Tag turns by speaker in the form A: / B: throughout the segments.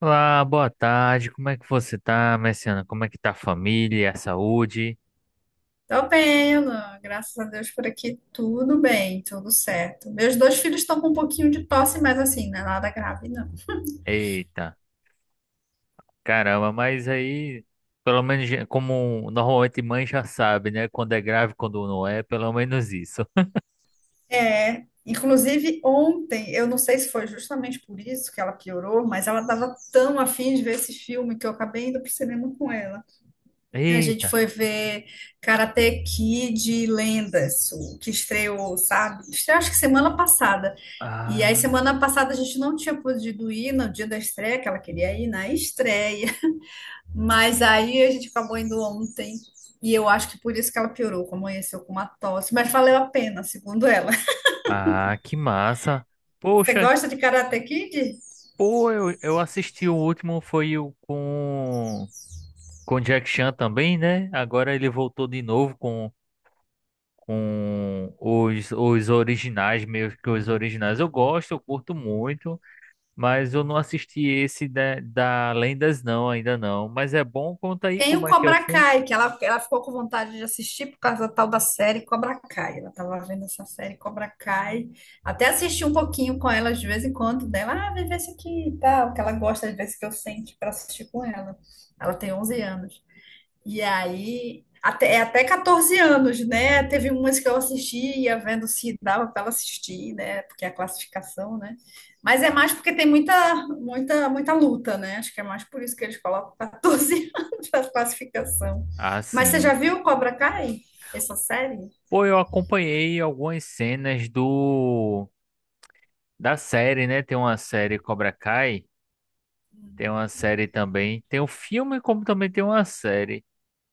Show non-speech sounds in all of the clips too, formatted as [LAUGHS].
A: Olá, boa tarde. Como é que você tá, Messiana? Como é que tá a família, a saúde?
B: Tô bem, Alan. Graças a Deus, por aqui tudo bem, tudo certo. Meus dois filhos estão com um pouquinho de tosse, mas, assim, não é nada grave, não.
A: Eita, caramba, mas aí, pelo menos já- como normalmente mãe já sabe, né? Quando é grave, quando não é, pelo menos isso.
B: É, inclusive ontem, eu não sei se foi justamente por isso que ela piorou, mas ela estava tão afim de ver esse filme que eu acabei indo pro cinema com ela. A gente
A: Eita,
B: foi ver Karate Kid Lendas, o que estreou, sabe? Estreou acho que semana passada. E aí,
A: ah,
B: semana passada, a gente não tinha podido ir no dia da estreia, que ela queria ir na estreia. Mas aí a gente acabou indo ontem e eu acho que por isso que ela piorou, que amanheceu com uma tosse, mas valeu a pena, segundo ela.
A: ah, que massa.
B: [LAUGHS] Você
A: Poxa,
B: gosta de Karate Kid?
A: pô, eu assisti o último, foi o com Jack Chan também, né? Agora ele voltou de novo com os originais, meio que os originais. Eu gosto, eu curto muito, mas eu não assisti esse da Lendas, não, ainda não. Mas é bom, conta aí
B: Tem
A: como
B: o
A: é que é o
B: Cobra
A: filme.
B: Kai, que ela ficou com vontade de assistir por causa da tal da série Cobra Kai. Ela tava vendo essa série Cobra Kai. Até assisti um pouquinho com ela de vez em quando dela. Ah, vê esse aqui e tal, que ela gosta de ver se que eu sente para assistir com ela. Ela tem 11 anos. E aí, até, é até 14 anos, né? Teve umas que eu assistia, vendo se dava para ela assistir, né? Porque é a classificação, né? Mas é
A: Ah,
B: mais porque tem muita, muita, muita luta, né? Acho que é mais por isso que eles colocam 14 [LAUGHS] anos para classificação.
A: ah,
B: Mas você já
A: sim.
B: viu Cobra Kai? Essa série?
A: Pô, eu acompanhei algumas cenas do da série, né? Tem uma série Cobra Kai, tem uma série também, tem o filme, como também tem uma série.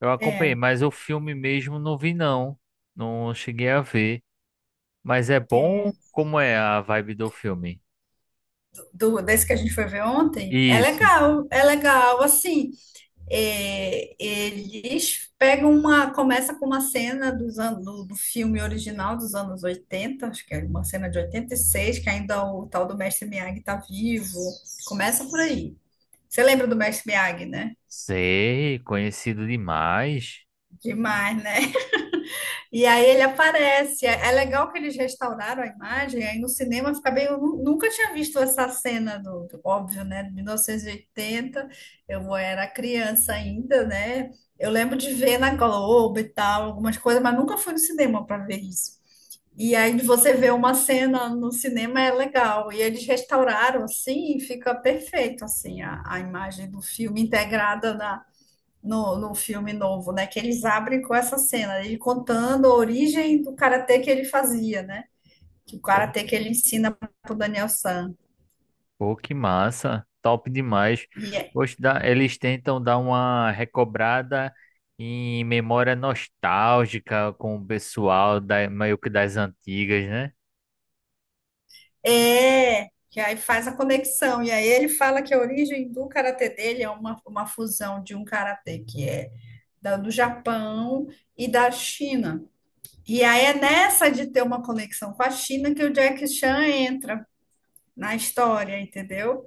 A: Eu acompanhei,
B: É,
A: mas o filme mesmo não vi, não. Não cheguei a ver. Mas é bom? Como é a vibe do filme?
B: desse que a gente foi ver ontem,
A: Isso.
B: é legal, assim, é, começa com uma cena dos anos, do filme original dos anos 80, acho que é uma cena de 86, que ainda o tal do Mestre Miyagi está vivo. Começa por aí. Você lembra do Mestre Miyagi, né?
A: Sei, conhecido demais.
B: Demais, né? E aí ele aparece. É legal que eles restauraram a imagem, aí no cinema fica bem. Eu nunca tinha visto essa cena óbvio, né? De 1980, eu era criança ainda, né? Eu lembro de ver na Globo e tal, algumas coisas, mas nunca fui no cinema para ver isso. E aí, de você ver uma cena no cinema, é legal. E eles restauraram assim e fica perfeito assim a imagem do filme integrada no filme novo, né? Que eles abrem com essa cena, né? Ele contando a origem do karatê que ele fazia, né? Que o
A: Pô,
B: karatê que ele ensina pro Daniel San.
A: pô, que massa. Top demais.
B: E é,
A: Poxa, dá- eles tentam dar uma recobrada em memória nostálgica com o pessoal da, meio que das antigas, né?
B: é, que aí faz a conexão. E aí ele fala que a origem do karatê dele é uma fusão de um karatê que é do Japão e da China. E aí é nessa de ter uma conexão com a China que o Jack Chan entra na história, entendeu?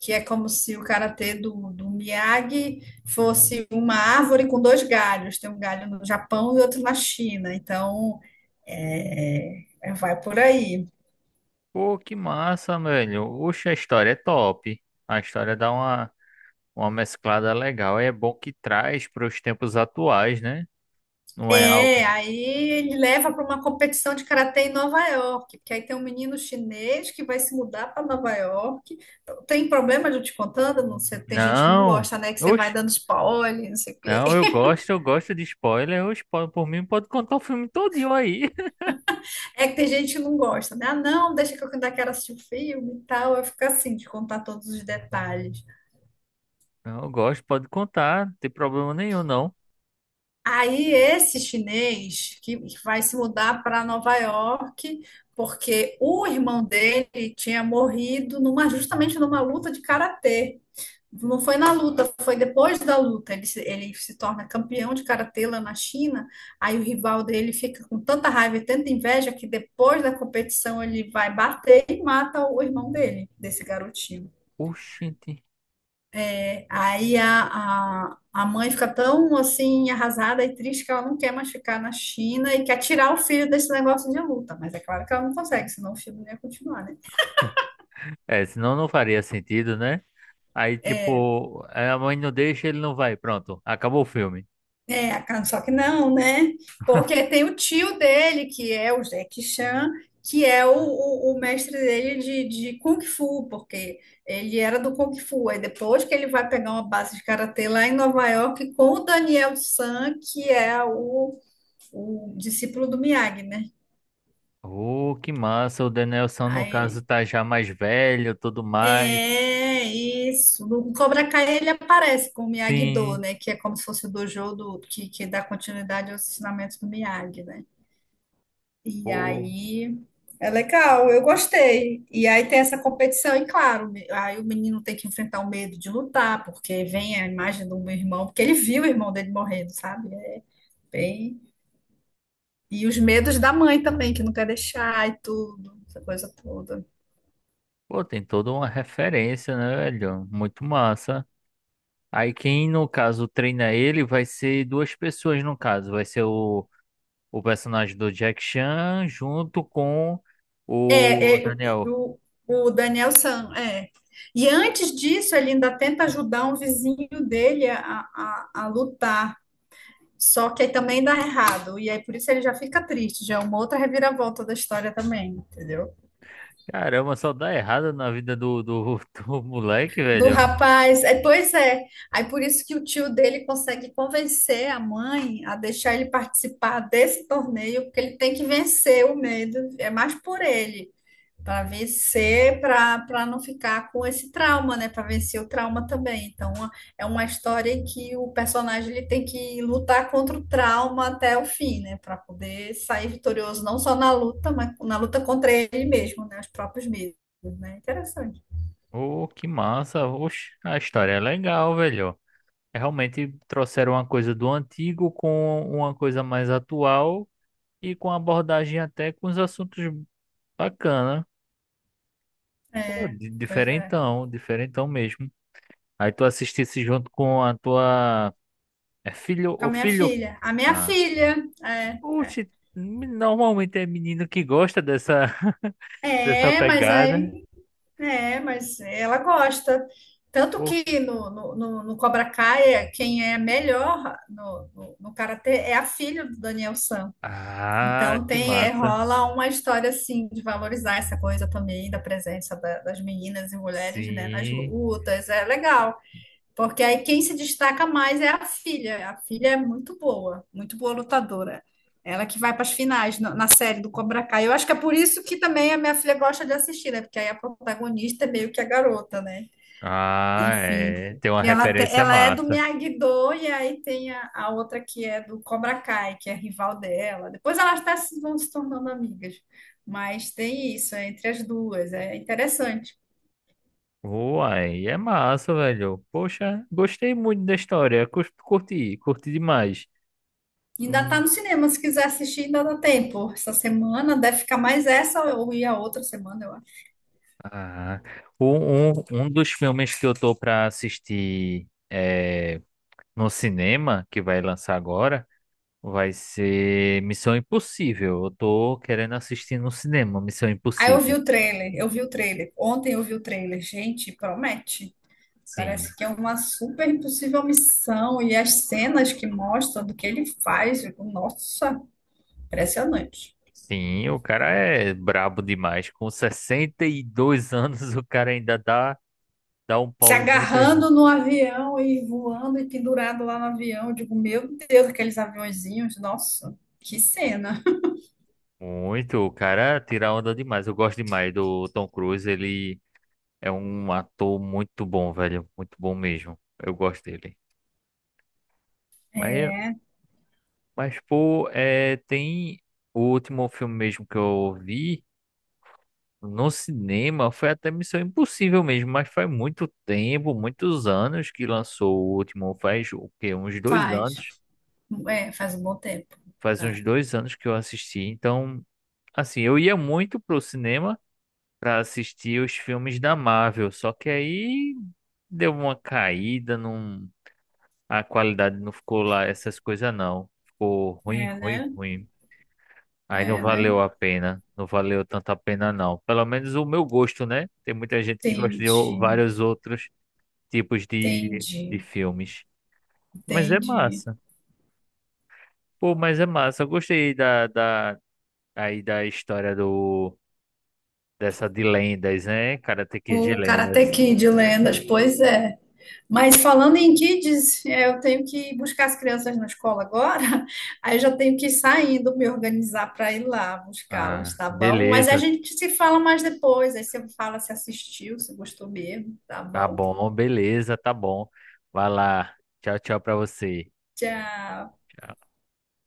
B: Que é como se o karatê do Miyagi fosse uma árvore com dois galhos. Tem um galho no Japão e outro na China. Então, é, vai por aí.
A: Pô, que massa, velho. Oxe, a história é top. A história dá uma mesclada legal. É bom que traz para os tempos atuais, né? Não é
B: É,
A: algo.
B: aí ele leva para uma competição de karatê em Nova York, porque aí tem um menino chinês que vai se mudar para Nova York. Tem problema de eu te contando? Não sei, tem gente que não
A: Não!
B: gosta, né? Que você vai
A: Oxe.
B: dando spoiler, não sei o quê.
A: Não, eu gosto de spoiler. Eu spoiler por mim pode contar o filme todinho aí.
B: É que tem gente que não gosta, né? Ah, não, deixa que eu ainda quero assistir o filme e tal. Eu fico assim, de contar todos os detalhes.
A: [LAUGHS] Não, eu gosto, pode contar, não tem problema nenhum, não.
B: Aí esse chinês que vai se mudar para Nova York, porque o irmão dele tinha morrido numa, justamente numa luta de karatê. Não foi na luta, foi depois da luta. Ele se torna campeão de karatê lá na China. Aí o rival dele fica com tanta raiva e tanta inveja que depois da competição ele vai bater e mata o irmão dele, desse garotinho.
A: Oxente.
B: Aí a mãe fica tão assim arrasada e triste que ela não quer mais ficar na China e quer tirar o filho desse negócio de luta. Mas é claro que ela não consegue, senão o filho não ia continuar, né?
A: É, senão não faria sentido, né? Aí, tipo, é, a mãe não deixa, ele não vai. Pronto, acabou o filme.
B: É, só que não, né? Porque tem o tio dele, que é o Jackie Chan, que é o mestre dele de Kung Fu, porque ele era do Kung Fu. Aí depois que ele vai pegar uma base de karatê lá em Nova York com o Daniel San, que é o discípulo do Miyagi, né?
A: Oh, que massa. O Danielson, no
B: Aí
A: caso, tá já mais velho, tudo mais.
B: é isso. No Cobra Kai ele aparece com o Miyagi-Do,
A: Sim.
B: né? Que é como se fosse o dojo do, que dá continuidade aos ensinamentos do Miyagi, né? E
A: Pô,
B: aí é legal, eu gostei. E aí tem essa competição, e claro, aí o menino tem que enfrentar o medo de lutar, porque vem a imagem do meu irmão, porque ele viu o irmão dele morrendo, sabe? É bem. E os medos da mãe também, que não quer deixar e tudo, essa coisa toda.
A: pô, tem toda uma referência, né, velho? Muito massa. Aí quem, no caso, treina ele vai ser duas pessoas, no caso. Vai ser o personagem do Jack Chan junto com o
B: É,
A: Daniel.
B: o, o Daniel San, é. E antes disso, ele ainda tenta ajudar um vizinho dele a lutar. Só que aí também dá errado. E aí por isso ele já fica triste, já é uma outra reviravolta da história também, entendeu?
A: Caramba, só dá errado na vida do, do, [LAUGHS] do moleque,
B: Do
A: velho.
B: rapaz. É, pois é. Aí por isso que o tio dele consegue convencer a mãe a deixar ele participar desse torneio, porque ele tem que vencer o medo. É mais por ele. Para vencer, para não ficar com esse trauma, né? Para vencer o trauma também. Então, é uma história em que o personagem ele tem que lutar contra o trauma até o fim, né? Para poder sair vitorioso, não só na luta, mas na luta contra ele mesmo, né? Os próprios medos, né? Interessante.
A: Ô, que massa. Oxe, a história é legal, velho. Realmente trouxeram uma coisa do antigo com uma coisa mais atual e com abordagem até com os assuntos bacana. Pô,
B: É,
A: di-
B: pois é.
A: diferentão, diferentão mesmo. Aí tu assistisse junto com a tua... É filho
B: Com a
A: ou
B: minha
A: filho?
B: filha. A minha
A: Ah.
B: filha. É, é.
A: Oxe, normalmente é menino que gosta dessa, [LAUGHS] dessa
B: É, mas
A: pegada.
B: aí. É, mas ela gosta. Tanto
A: Pô, que-
B: que no Cobra Kai, quem é melhor no karatê é a filha do Daniel San.
A: Ah,
B: Então
A: que
B: tem, é,
A: massa.
B: rola uma história assim de valorizar essa coisa também da- presença das meninas e mulheres, né, nas
A: Sim.
B: lutas. É legal. Porque aí quem se destaca mais é a filha. A filha é muito boa lutadora. Ela que vai para as finais na série do Cobra Kai. Eu acho que é por isso que também a minha filha gosta de assistir, né? Porque aí a protagonista é meio que a garota, né?
A: Ah,
B: Enfim.
A: é. Tem uma
B: E ela,
A: referência
B: ela é do
A: massa.
B: Miyagi-Do e aí tem a outra que é do Cobra Kai, que é rival dela. Depois elas até vão se tornando amigas. Mas tem isso, é entre as duas. É interessante.
A: Uai, é massa, velho. Poxa, gostei muito da história. Cus- curti, curti demais.
B: Ainda tá
A: Hum.
B: no cinema, se quiser assistir, ainda dá tempo. Essa semana deve ficar mais essa ou ir a outra semana, eu acho.
A: Ah, um dos filmes que eu tô pra assistir é, no cinema, que vai lançar agora. Vai ser Missão Impossível. Eu tô querendo assistir no cinema, Missão
B: Aí eu vi
A: Impossível.
B: o trailer, eu vi o trailer. Ontem eu vi o trailer. Gente, promete. Parece
A: Sim,
B: que é uma super impossível missão e as cenas que mostram do que ele faz, eu digo, nossa, impressionante.
A: sim, o cara é brabo demais. Com 62 [LAUGHS] anos, o cara ainda dá, dá um
B: Se
A: pau em muita gente.
B: agarrando no avião e voando e pendurado lá no avião, eu digo, meu Deus, aqueles aviãozinhos, nossa, que cena. [LAUGHS]
A: Muito, o cara tira onda demais. Eu gosto demais do Tom Cruise. Ele é um ator muito bom, velho. Muito bom mesmo. Eu gosto dele. Mas, mas pô, é, tem o último filme mesmo que eu vi. No cinema foi até Missão Impossível mesmo, mas faz muito tempo, muitos anos que lançou o último, faz o quê? Uns dois
B: Faz,
A: anos.
B: é, faz um bom tempo.
A: Faz
B: É,
A: uns dois anos que eu assisti. Então, assim, eu ia muito pro cinema para assistir os filmes da Marvel, só que aí deu uma caída, num... a qualidade não ficou lá, essas coisas não. Ficou ruim,
B: É,
A: ruim,
B: né?
A: ruim. Aí não
B: É, né?
A: valeu a pena, não valeu tanto a pena não. Pelo menos o meu gosto, né? Tem muita gente que gosta de o-
B: Entendi,
A: vários outros. Tipos de
B: entendi,
A: filmes. Mas é
B: entendi.
A: massa. Pô, mas é massa. Eu gostei da, da, aí da história do, dessa de lendas, né? Karate Kid de
B: O Karate
A: lendas.
B: Kid, lendas, pois é. Mas falando em kids, é, eu tenho que buscar as crianças na escola agora, [LAUGHS] aí eu já tenho que ir saindo, me organizar para ir lá
A: Ah,
B: buscá-las, tá bom? Mas a
A: beleza.
B: gente se fala mais depois, aí você fala se assistiu, se gostou mesmo, tá
A: Tá
B: bom?
A: bom, beleza, tá bom. Vai lá. Tchau, tchau pra você.
B: Tchau.